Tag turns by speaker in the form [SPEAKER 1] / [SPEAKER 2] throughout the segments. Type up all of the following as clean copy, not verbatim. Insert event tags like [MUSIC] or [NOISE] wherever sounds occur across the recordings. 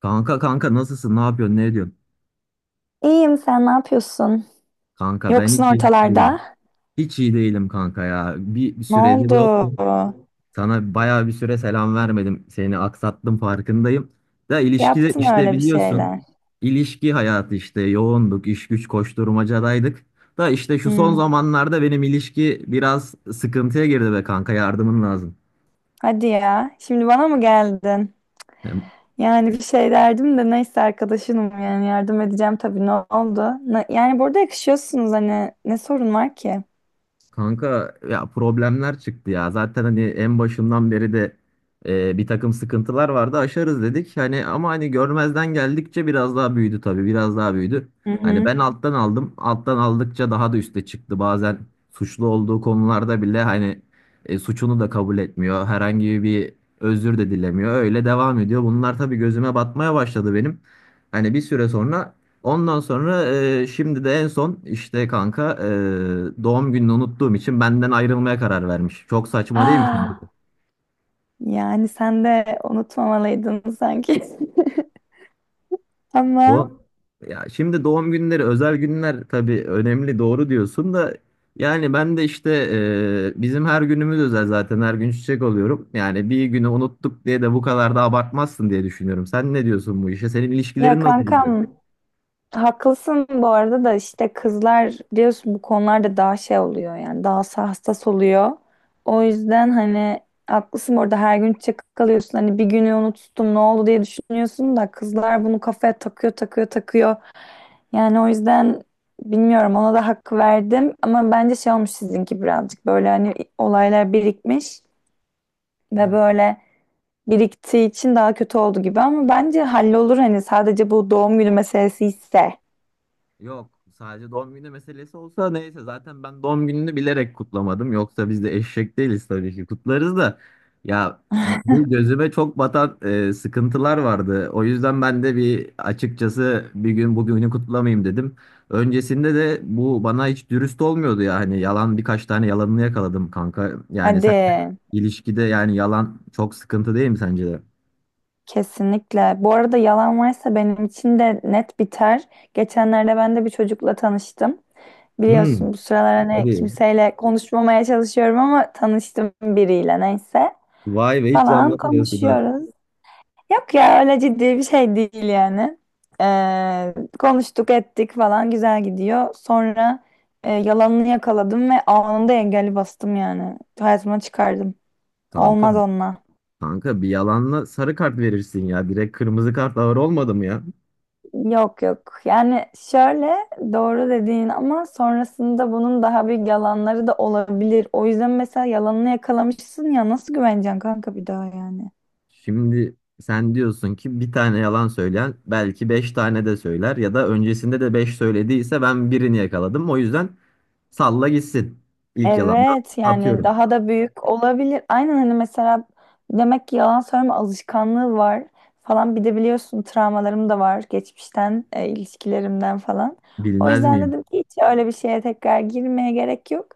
[SPEAKER 1] Kanka kanka nasılsın? Ne yapıyorsun? Ne ediyorsun?
[SPEAKER 2] İyiyim, sen ne yapıyorsun?
[SPEAKER 1] Kanka ben
[SPEAKER 2] Yoksun
[SPEAKER 1] hiç iyi değilim.
[SPEAKER 2] ortalarda.
[SPEAKER 1] Hiç iyi değilim kanka ya. Bir
[SPEAKER 2] Ne
[SPEAKER 1] süredir
[SPEAKER 2] oldu?
[SPEAKER 1] yoktum. Sana bayağı bir süre selam vermedim. Seni aksattım farkındayım. Da ilişkide
[SPEAKER 2] Yaptın
[SPEAKER 1] işte
[SPEAKER 2] öyle bir
[SPEAKER 1] biliyorsun.
[SPEAKER 2] şeyler.
[SPEAKER 1] İlişki hayatı işte yoğunduk, iş güç koşturmacadaydık. Da işte şu son
[SPEAKER 2] Hmm.
[SPEAKER 1] zamanlarda benim ilişki biraz sıkıntıya girdi be kanka, yardımın lazım.
[SPEAKER 2] Hadi ya. Şimdi bana mı geldin? Yani bir şey derdim de neyse, arkadaşınım, yani yardım edeceğim tabii. Ne oldu? Yani burada yakışıyorsunuz, hani ne sorun var ki?
[SPEAKER 1] Kanka ya, problemler çıktı ya. Zaten hani en başından beri de bir takım sıkıntılar vardı. Aşarız dedik. Hani ama hani görmezden geldikçe biraz daha büyüdü tabii. Biraz daha büyüdü.
[SPEAKER 2] Hı
[SPEAKER 1] Hani
[SPEAKER 2] hı.
[SPEAKER 1] ben alttan aldım. Alttan aldıkça daha da üste çıktı. Bazen suçlu olduğu konularda bile hani suçunu da kabul etmiyor. Herhangi bir özür de dilemiyor. Öyle devam ediyor. Bunlar tabii gözüme batmaya başladı benim. Hani bir süre sonra Ondan sonra şimdi de en son işte kanka, doğum gününü unuttuğum için benden ayrılmaya karar vermiş. Çok saçma değil mi sence de?
[SPEAKER 2] Ah, yani sen de unutmamalıydın sanki. [LAUGHS] Ama
[SPEAKER 1] Bu, ya şimdi doğum günleri özel günler tabii, önemli, doğru diyorsun da yani ben de işte, bizim her günümüz özel zaten, her gün çiçek alıyorum. Yani bir günü unuttuk diye de bu kadar da abartmazsın diye düşünüyorum. Sen ne diyorsun bu işe? Senin
[SPEAKER 2] ya
[SPEAKER 1] ilişkilerin nasıl gidiyor?
[SPEAKER 2] kankam, haklısın bu arada. Da işte kızlar biliyorsun bu konularda daha şey oluyor, yani daha hassas oluyor. O yüzden hani haklısın, orada her gün çakık alıyorsun, hani bir günü unuttum ne oldu diye düşünüyorsun da kızlar bunu kafaya takıyor, takıyor, takıyor. Yani o yüzden bilmiyorum, ona da hak verdim, ama bence şey olmuş sizinki, birazcık böyle hani olaylar birikmiş ve
[SPEAKER 1] Evet.
[SPEAKER 2] böyle biriktiği için daha kötü oldu gibi, ama bence hallolur hani, sadece bu doğum günü meselesi ise.
[SPEAKER 1] Yok, sadece doğum günü meselesi olsa neyse, zaten ben doğum gününü bilerek kutlamadım. Yoksa biz de eşek değiliz tabii ki, kutlarız da. Ya, bu gözüme çok batan sıkıntılar vardı. O yüzden ben de bir açıkçası bir gün bugünü kutlamayayım dedim. Öncesinde de bu bana hiç dürüst olmuyordu ya. Hani, birkaç tane yalanını yakaladım kanka. Yani
[SPEAKER 2] Hadi,
[SPEAKER 1] sence ilişkide yani yalan çok sıkıntı değil mi sence de?
[SPEAKER 2] kesinlikle. Bu arada yalan varsa benim için de net biter. Geçenlerde ben de bir çocukla tanıştım.
[SPEAKER 1] Hmm,
[SPEAKER 2] Biliyorsun bu sıralar hani
[SPEAKER 1] hadi.
[SPEAKER 2] kimseyle konuşmamaya çalışıyorum, ama tanıştım biriyle, neyse.
[SPEAKER 1] Vay be, hiç de
[SPEAKER 2] Falan
[SPEAKER 1] anlatmıyorsun ha.
[SPEAKER 2] konuşuyoruz. Yok ya, öyle ciddi bir şey değil yani. Konuştuk ettik falan, güzel gidiyor. Sonra yalanını yakaladım ve anında engeli bastım yani. Hayatıma çıkardım.
[SPEAKER 1] Kanka.
[SPEAKER 2] Olmaz onunla.
[SPEAKER 1] Kanka, bir yalanla sarı kart verirsin ya. Direkt kırmızı kart ağır olmadı mı ya?
[SPEAKER 2] Yok yok. Yani şöyle, doğru dediğin, ama sonrasında bunun daha büyük yalanları da olabilir. O yüzden mesela yalanını yakalamışsın ya, nasıl güveneceksin kanka bir daha yani.
[SPEAKER 1] Şimdi sen diyorsun ki bir tane yalan söyleyen belki beş tane de söyler, ya da öncesinde de beş söylediyse ben birini yakaladım. O yüzden salla gitsin. İlk yalandan
[SPEAKER 2] Evet, yani
[SPEAKER 1] atıyorum.
[SPEAKER 2] daha da büyük olabilir. Aynen, hani mesela demek ki yalan söyleme alışkanlığı var falan. Bir de biliyorsun travmalarım da var geçmişten, ilişkilerimden falan. O
[SPEAKER 1] Bilmez
[SPEAKER 2] yüzden
[SPEAKER 1] miyim?
[SPEAKER 2] dedim ki hiç öyle bir şeye tekrar girmeye gerek yok.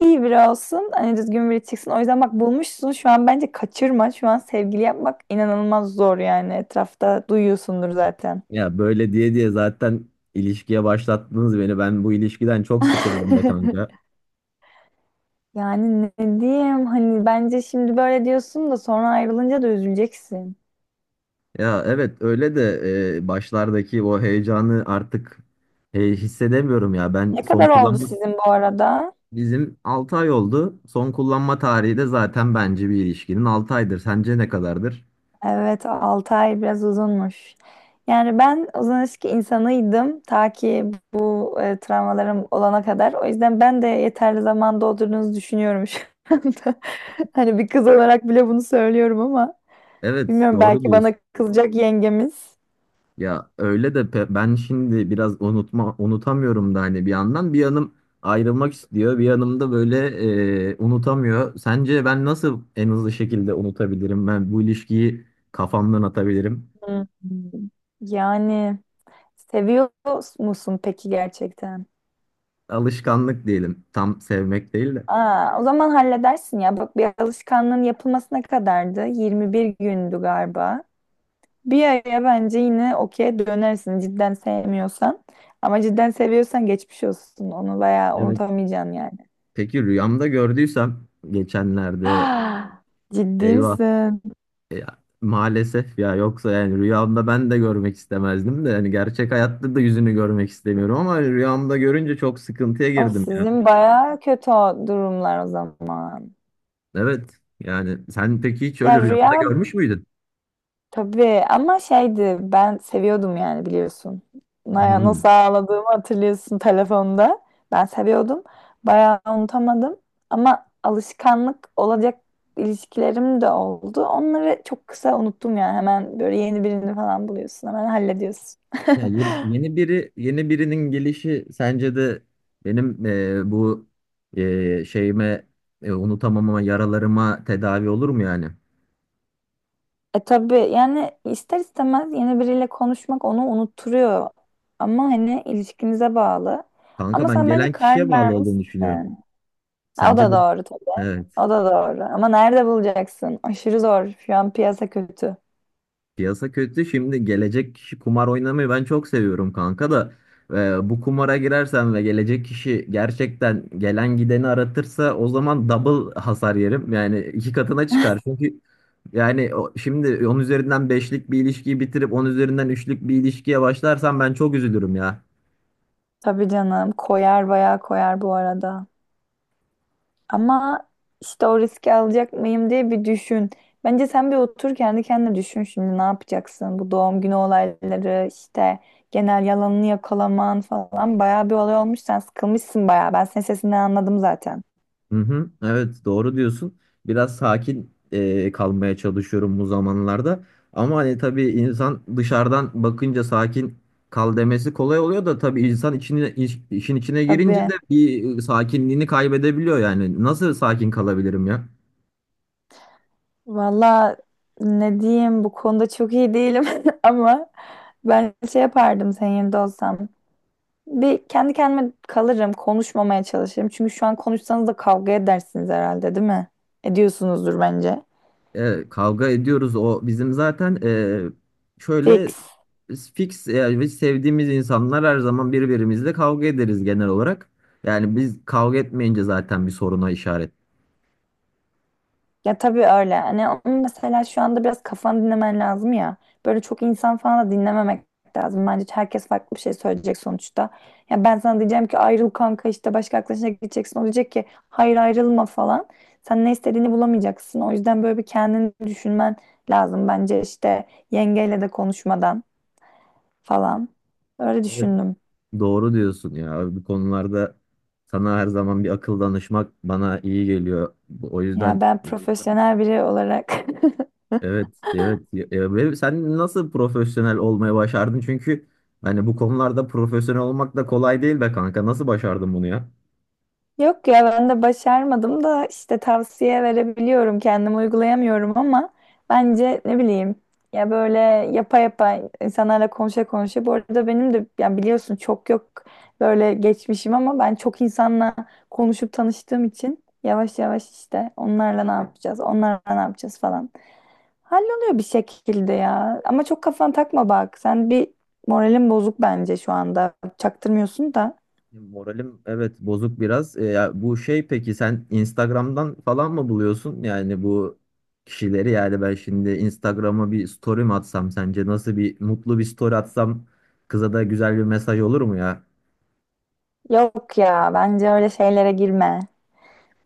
[SPEAKER 2] İyi biri olsun, hani düzgün biri çıksın. O yüzden bak, bulmuşsun şu an, bence kaçırma. Şu an sevgili yapmak inanılmaz zor yani. Etrafta duyuyorsundur zaten.
[SPEAKER 1] Ya böyle diye diye zaten ilişkiye başlattınız beni. Ben bu ilişkiden çok sıkıldım da
[SPEAKER 2] [LAUGHS]
[SPEAKER 1] kanka.
[SPEAKER 2] Yani ne diyeyim hani, bence şimdi böyle diyorsun da sonra ayrılınca da üzüleceksin.
[SPEAKER 1] Ya evet öyle de başlardaki o heyecanı artık hissedemiyorum ya. Ben
[SPEAKER 2] Ne
[SPEAKER 1] son
[SPEAKER 2] kadar oldu
[SPEAKER 1] kullanma.
[SPEAKER 2] sizin bu arada?
[SPEAKER 1] Bizim 6 ay oldu. Son kullanma tarihi de zaten bence bir ilişkinin 6 aydır. Sence ne kadardır?
[SPEAKER 2] Evet, 6 ay biraz uzunmuş. Yani ben uzun ilişki insanıydım, ta ki bu travmalarım olana kadar. O yüzden ben de yeterli zaman doldurduğunuzu düşünüyorum şu anda. [LAUGHS] Hani bir kız olarak bile bunu söylüyorum, ama
[SPEAKER 1] Evet,
[SPEAKER 2] bilmiyorum,
[SPEAKER 1] doğru
[SPEAKER 2] belki bana
[SPEAKER 1] diyorsun.
[SPEAKER 2] kızacak yengemiz.
[SPEAKER 1] Ya öyle de ben şimdi biraz unutamıyorum da, hani bir yandan bir yanım ayrılmak istiyor, bir yanım da böyle unutamıyor. Sence ben nasıl en hızlı şekilde unutabilirim? Ben bu ilişkiyi kafamdan atabilirim.
[SPEAKER 2] Hmm. Yani seviyor musun peki gerçekten?
[SPEAKER 1] Alışkanlık diyelim. Tam sevmek değil de.
[SPEAKER 2] Aa, o zaman halledersin ya. Bak, bir alışkanlığın yapılmasına kadardı. 21 gündü galiba. Bir aya bence yine okey dönersin cidden sevmiyorsan. Ama cidden seviyorsan geçmiş olsun. Onu bayağı
[SPEAKER 1] Evet.
[SPEAKER 2] unutamayacaksın yani. [GASPS]
[SPEAKER 1] Peki rüyamda gördüysem geçenlerde,
[SPEAKER 2] Ah, ciddi
[SPEAKER 1] eyvah.
[SPEAKER 2] misin?
[SPEAKER 1] Ya, maalesef ya, yoksa yani rüyamda ben de görmek istemezdim de, yani gerçek hayatta da yüzünü görmek istemiyorum ama rüyamda görünce çok sıkıntıya
[SPEAKER 2] O
[SPEAKER 1] girdim ya.
[SPEAKER 2] sizin bayağı kötü, o durumlar o zaman.
[SPEAKER 1] Evet yani sen peki hiç
[SPEAKER 2] Ya
[SPEAKER 1] öyle rüyamda görmüş müydün?
[SPEAKER 2] tabii, ama şeydi, ben seviyordum yani, biliyorsun. Naya
[SPEAKER 1] Hı.
[SPEAKER 2] nasıl ağladığımı hatırlıyorsun telefonda. Ben seviyordum. Bayağı unutamadım. Ama alışkanlık olacak ilişkilerim de oldu. Onları çok kısa unuttum yani. Hemen böyle yeni birini falan buluyorsun. Hemen hallediyorsun.
[SPEAKER 1] Ya
[SPEAKER 2] [LAUGHS]
[SPEAKER 1] yeni, yeni biri yeni birinin gelişi sence de benim bu şeyime, unutamamama, yaralarıma tedavi olur mu yani?
[SPEAKER 2] E tabii yani, ister istemez yeni biriyle konuşmak onu unutturuyor. Ama hani ilişkinize bağlı.
[SPEAKER 1] Kanka
[SPEAKER 2] Ama
[SPEAKER 1] ben
[SPEAKER 2] sen bence
[SPEAKER 1] gelen
[SPEAKER 2] karar
[SPEAKER 1] kişiye bağlı olduğunu
[SPEAKER 2] vermişsin.
[SPEAKER 1] düşünüyorum.
[SPEAKER 2] Ha, O
[SPEAKER 1] Sence
[SPEAKER 2] da
[SPEAKER 1] de?
[SPEAKER 2] doğru
[SPEAKER 1] Evet.
[SPEAKER 2] O da doğru. Ama nerede bulacaksın? Aşırı zor. Şu an piyasa kötü.
[SPEAKER 1] Piyasa kötü. Şimdi gelecek kişi, kumar oynamayı ben çok seviyorum kanka da bu kumara girersem ve gelecek kişi gerçekten gelen gideni aratırsa o zaman double hasar yerim. Yani iki katına çıkar. Çünkü yani şimdi 10 üzerinden beşlik bir ilişkiyi bitirip 10 üzerinden üçlük bir ilişkiye başlarsam ben çok üzülürüm ya.
[SPEAKER 2] Tabii canım. Koyar, bayağı koyar bu arada. Ama işte o riski alacak mıyım diye bir düşün. Bence sen bir otur kendi kendine düşün, şimdi ne yapacaksın? Bu doğum günü olayları, işte genel yalanını yakalaman falan, bayağı bir olay olmuş. Sen sıkılmışsın bayağı. Ben senin sesinden anladım zaten.
[SPEAKER 1] Hı hı, evet doğru diyorsun. Biraz sakin kalmaya çalışıyorum bu zamanlarda. Ama hani tabii insan dışarıdan bakınca sakin kal demesi kolay oluyor da, tabii insan içine, işin içine girince de
[SPEAKER 2] Tabii.
[SPEAKER 1] bir sakinliğini kaybedebiliyor yani. Nasıl sakin kalabilirim ya?
[SPEAKER 2] Valla ne diyeyim, bu konuda çok iyi değilim [LAUGHS] ama ben şey yapardım senin yerinde olsam. Bir kendi kendime kalırım, konuşmamaya çalışırım. Çünkü şu an konuşsanız da kavga edersiniz herhalde, değil mi? Ediyorsunuzdur bence.
[SPEAKER 1] Kavga ediyoruz. O bizim zaten şöyle
[SPEAKER 2] Fix.
[SPEAKER 1] fix yani, biz sevdiğimiz insanlar her zaman birbirimizle kavga ederiz genel olarak. Yani biz kavga etmeyince zaten bir soruna işaret.
[SPEAKER 2] Ya tabii öyle. Hani onun mesela şu anda biraz kafanı dinlemen lazım ya. Böyle çok insan falan da dinlememek lazım. Bence herkes farklı bir şey söyleyecek sonuçta. Ya ben sana diyeceğim ki ayrıl kanka, işte başka arkadaşına gideceksin. O diyecek ki hayır ayrılma falan. Sen ne istediğini bulamayacaksın. O yüzden böyle bir kendini düşünmen lazım bence, işte yengeyle de konuşmadan falan. Öyle
[SPEAKER 1] Evet,
[SPEAKER 2] düşündüm.
[SPEAKER 1] doğru diyorsun ya. Bu konularda sana her zaman bir akıl danışmak bana iyi geliyor. O
[SPEAKER 2] Ya
[SPEAKER 1] yüzden
[SPEAKER 2] ben profesyonel biri olarak. [LAUGHS]
[SPEAKER 1] evet, evet. Ve sen nasıl profesyonel olmayı başardın? Çünkü hani bu konularda profesyonel olmak da kolay değil be kanka. Nasıl başardın bunu ya?
[SPEAKER 2] Yok ya, ben de başarmadım da işte tavsiye verebiliyorum, kendim uygulayamıyorum, ama bence ne bileyim, ya böyle yapa yapa, insanlarla konuşa konuşa, bu arada benim de, ya biliyorsun çok yok böyle geçmişim, ama ben çok insanla konuşup tanıştığım için yavaş yavaş işte onlarla ne yapacağız, onlarla ne yapacağız falan. Halloluyor bir şekilde ya. Ama çok kafana takma bak. Sen bir moralin bozuk bence şu anda. Çaktırmıyorsun da.
[SPEAKER 1] Moralim evet bozuk biraz. Ya bu şey, peki sen Instagram'dan falan mı buluyorsun? Yani bu kişileri, yani ben şimdi Instagram'a bir story mi atsam, sence nasıl bir mutlu bir story atsam kıza da güzel bir mesaj olur mu ya?
[SPEAKER 2] Yok ya, bence öyle şeylere girme.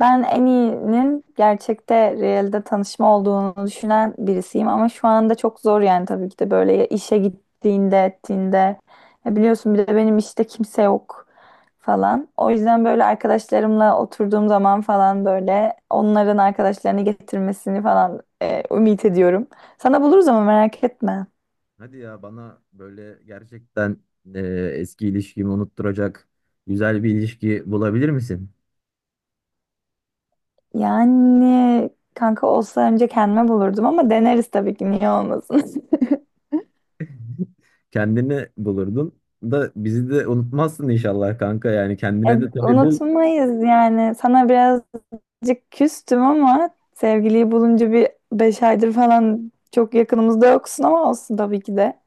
[SPEAKER 2] Ben en iyinin gerçekte, realde tanışma olduğunu düşünen birisiyim, ama şu anda çok zor yani tabii ki de, böyle ya işe gittiğinde, ettiğinde. Ya biliyorsun bir de benim işte kimse yok falan. O yüzden böyle arkadaşlarımla oturduğum zaman falan böyle onların arkadaşlarını getirmesini falan ümit ediyorum. Sana buluruz ama, merak etme.
[SPEAKER 1] Hadi ya, bana böyle gerçekten e, eski ilişkimi unutturacak güzel bir ilişki bulabilir misin?
[SPEAKER 2] Yani kanka olsa önce kendime bulurdum, ama deneriz tabii ki, niye olmasın. [LAUGHS]
[SPEAKER 1] [LAUGHS] Kendini bulurdun da bizi de unutmazsın inşallah kanka, yani kendine
[SPEAKER 2] Yani
[SPEAKER 1] de tabii bul,
[SPEAKER 2] unutmayız yani. Sana biraz Birazcık küstüm, ama sevgiliyi bulunca bir 5 aydır falan çok yakınımızda yoksun, ama olsun tabii ki de.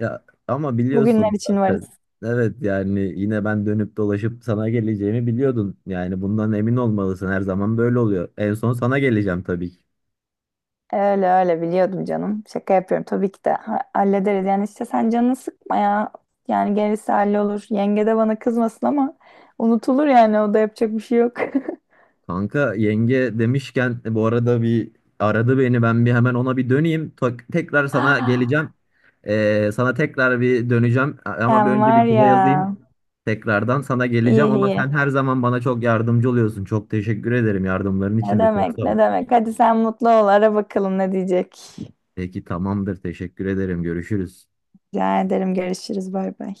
[SPEAKER 1] ya ama biliyorsun
[SPEAKER 2] Bugünler için
[SPEAKER 1] zaten.
[SPEAKER 2] varız.
[SPEAKER 1] Evet yani, yine ben dönüp dolaşıp sana geleceğimi biliyordun. Yani bundan emin olmalısın. Her zaman böyle oluyor. En son sana geleceğim tabii ki.
[SPEAKER 2] Öyle öyle biliyordum canım. Şaka yapıyorum tabii ki de, hallederiz. Yani işte sen canını sıkma ya. Yani gerisi hallolur. Yenge de bana kızmasın ama, unutulur yani, o da yapacak bir şey yok. [LAUGHS]
[SPEAKER 1] Kanka, yenge demişken bu arada bir aradı beni, ben bir hemen ona bir döneyim. Tekrar sana
[SPEAKER 2] Ah,
[SPEAKER 1] geleceğim. Sana tekrar bir döneceğim ama bir
[SPEAKER 2] sen
[SPEAKER 1] önce
[SPEAKER 2] var
[SPEAKER 1] bir kıza
[SPEAKER 2] ya.
[SPEAKER 1] yazayım. Tekrardan sana
[SPEAKER 2] İyi
[SPEAKER 1] geleceğim ama sen
[SPEAKER 2] iyi.
[SPEAKER 1] her zaman bana çok yardımcı oluyorsun. Çok teşekkür ederim, yardımların
[SPEAKER 2] Ne
[SPEAKER 1] için de çok
[SPEAKER 2] demek,
[SPEAKER 1] sağ ol.
[SPEAKER 2] ne demek. Hadi sen mutlu ol. Ara bakalım ne diyecek.
[SPEAKER 1] Peki tamamdır, teşekkür ederim, görüşürüz.
[SPEAKER 2] Rica ederim. Görüşürüz. Bay bay.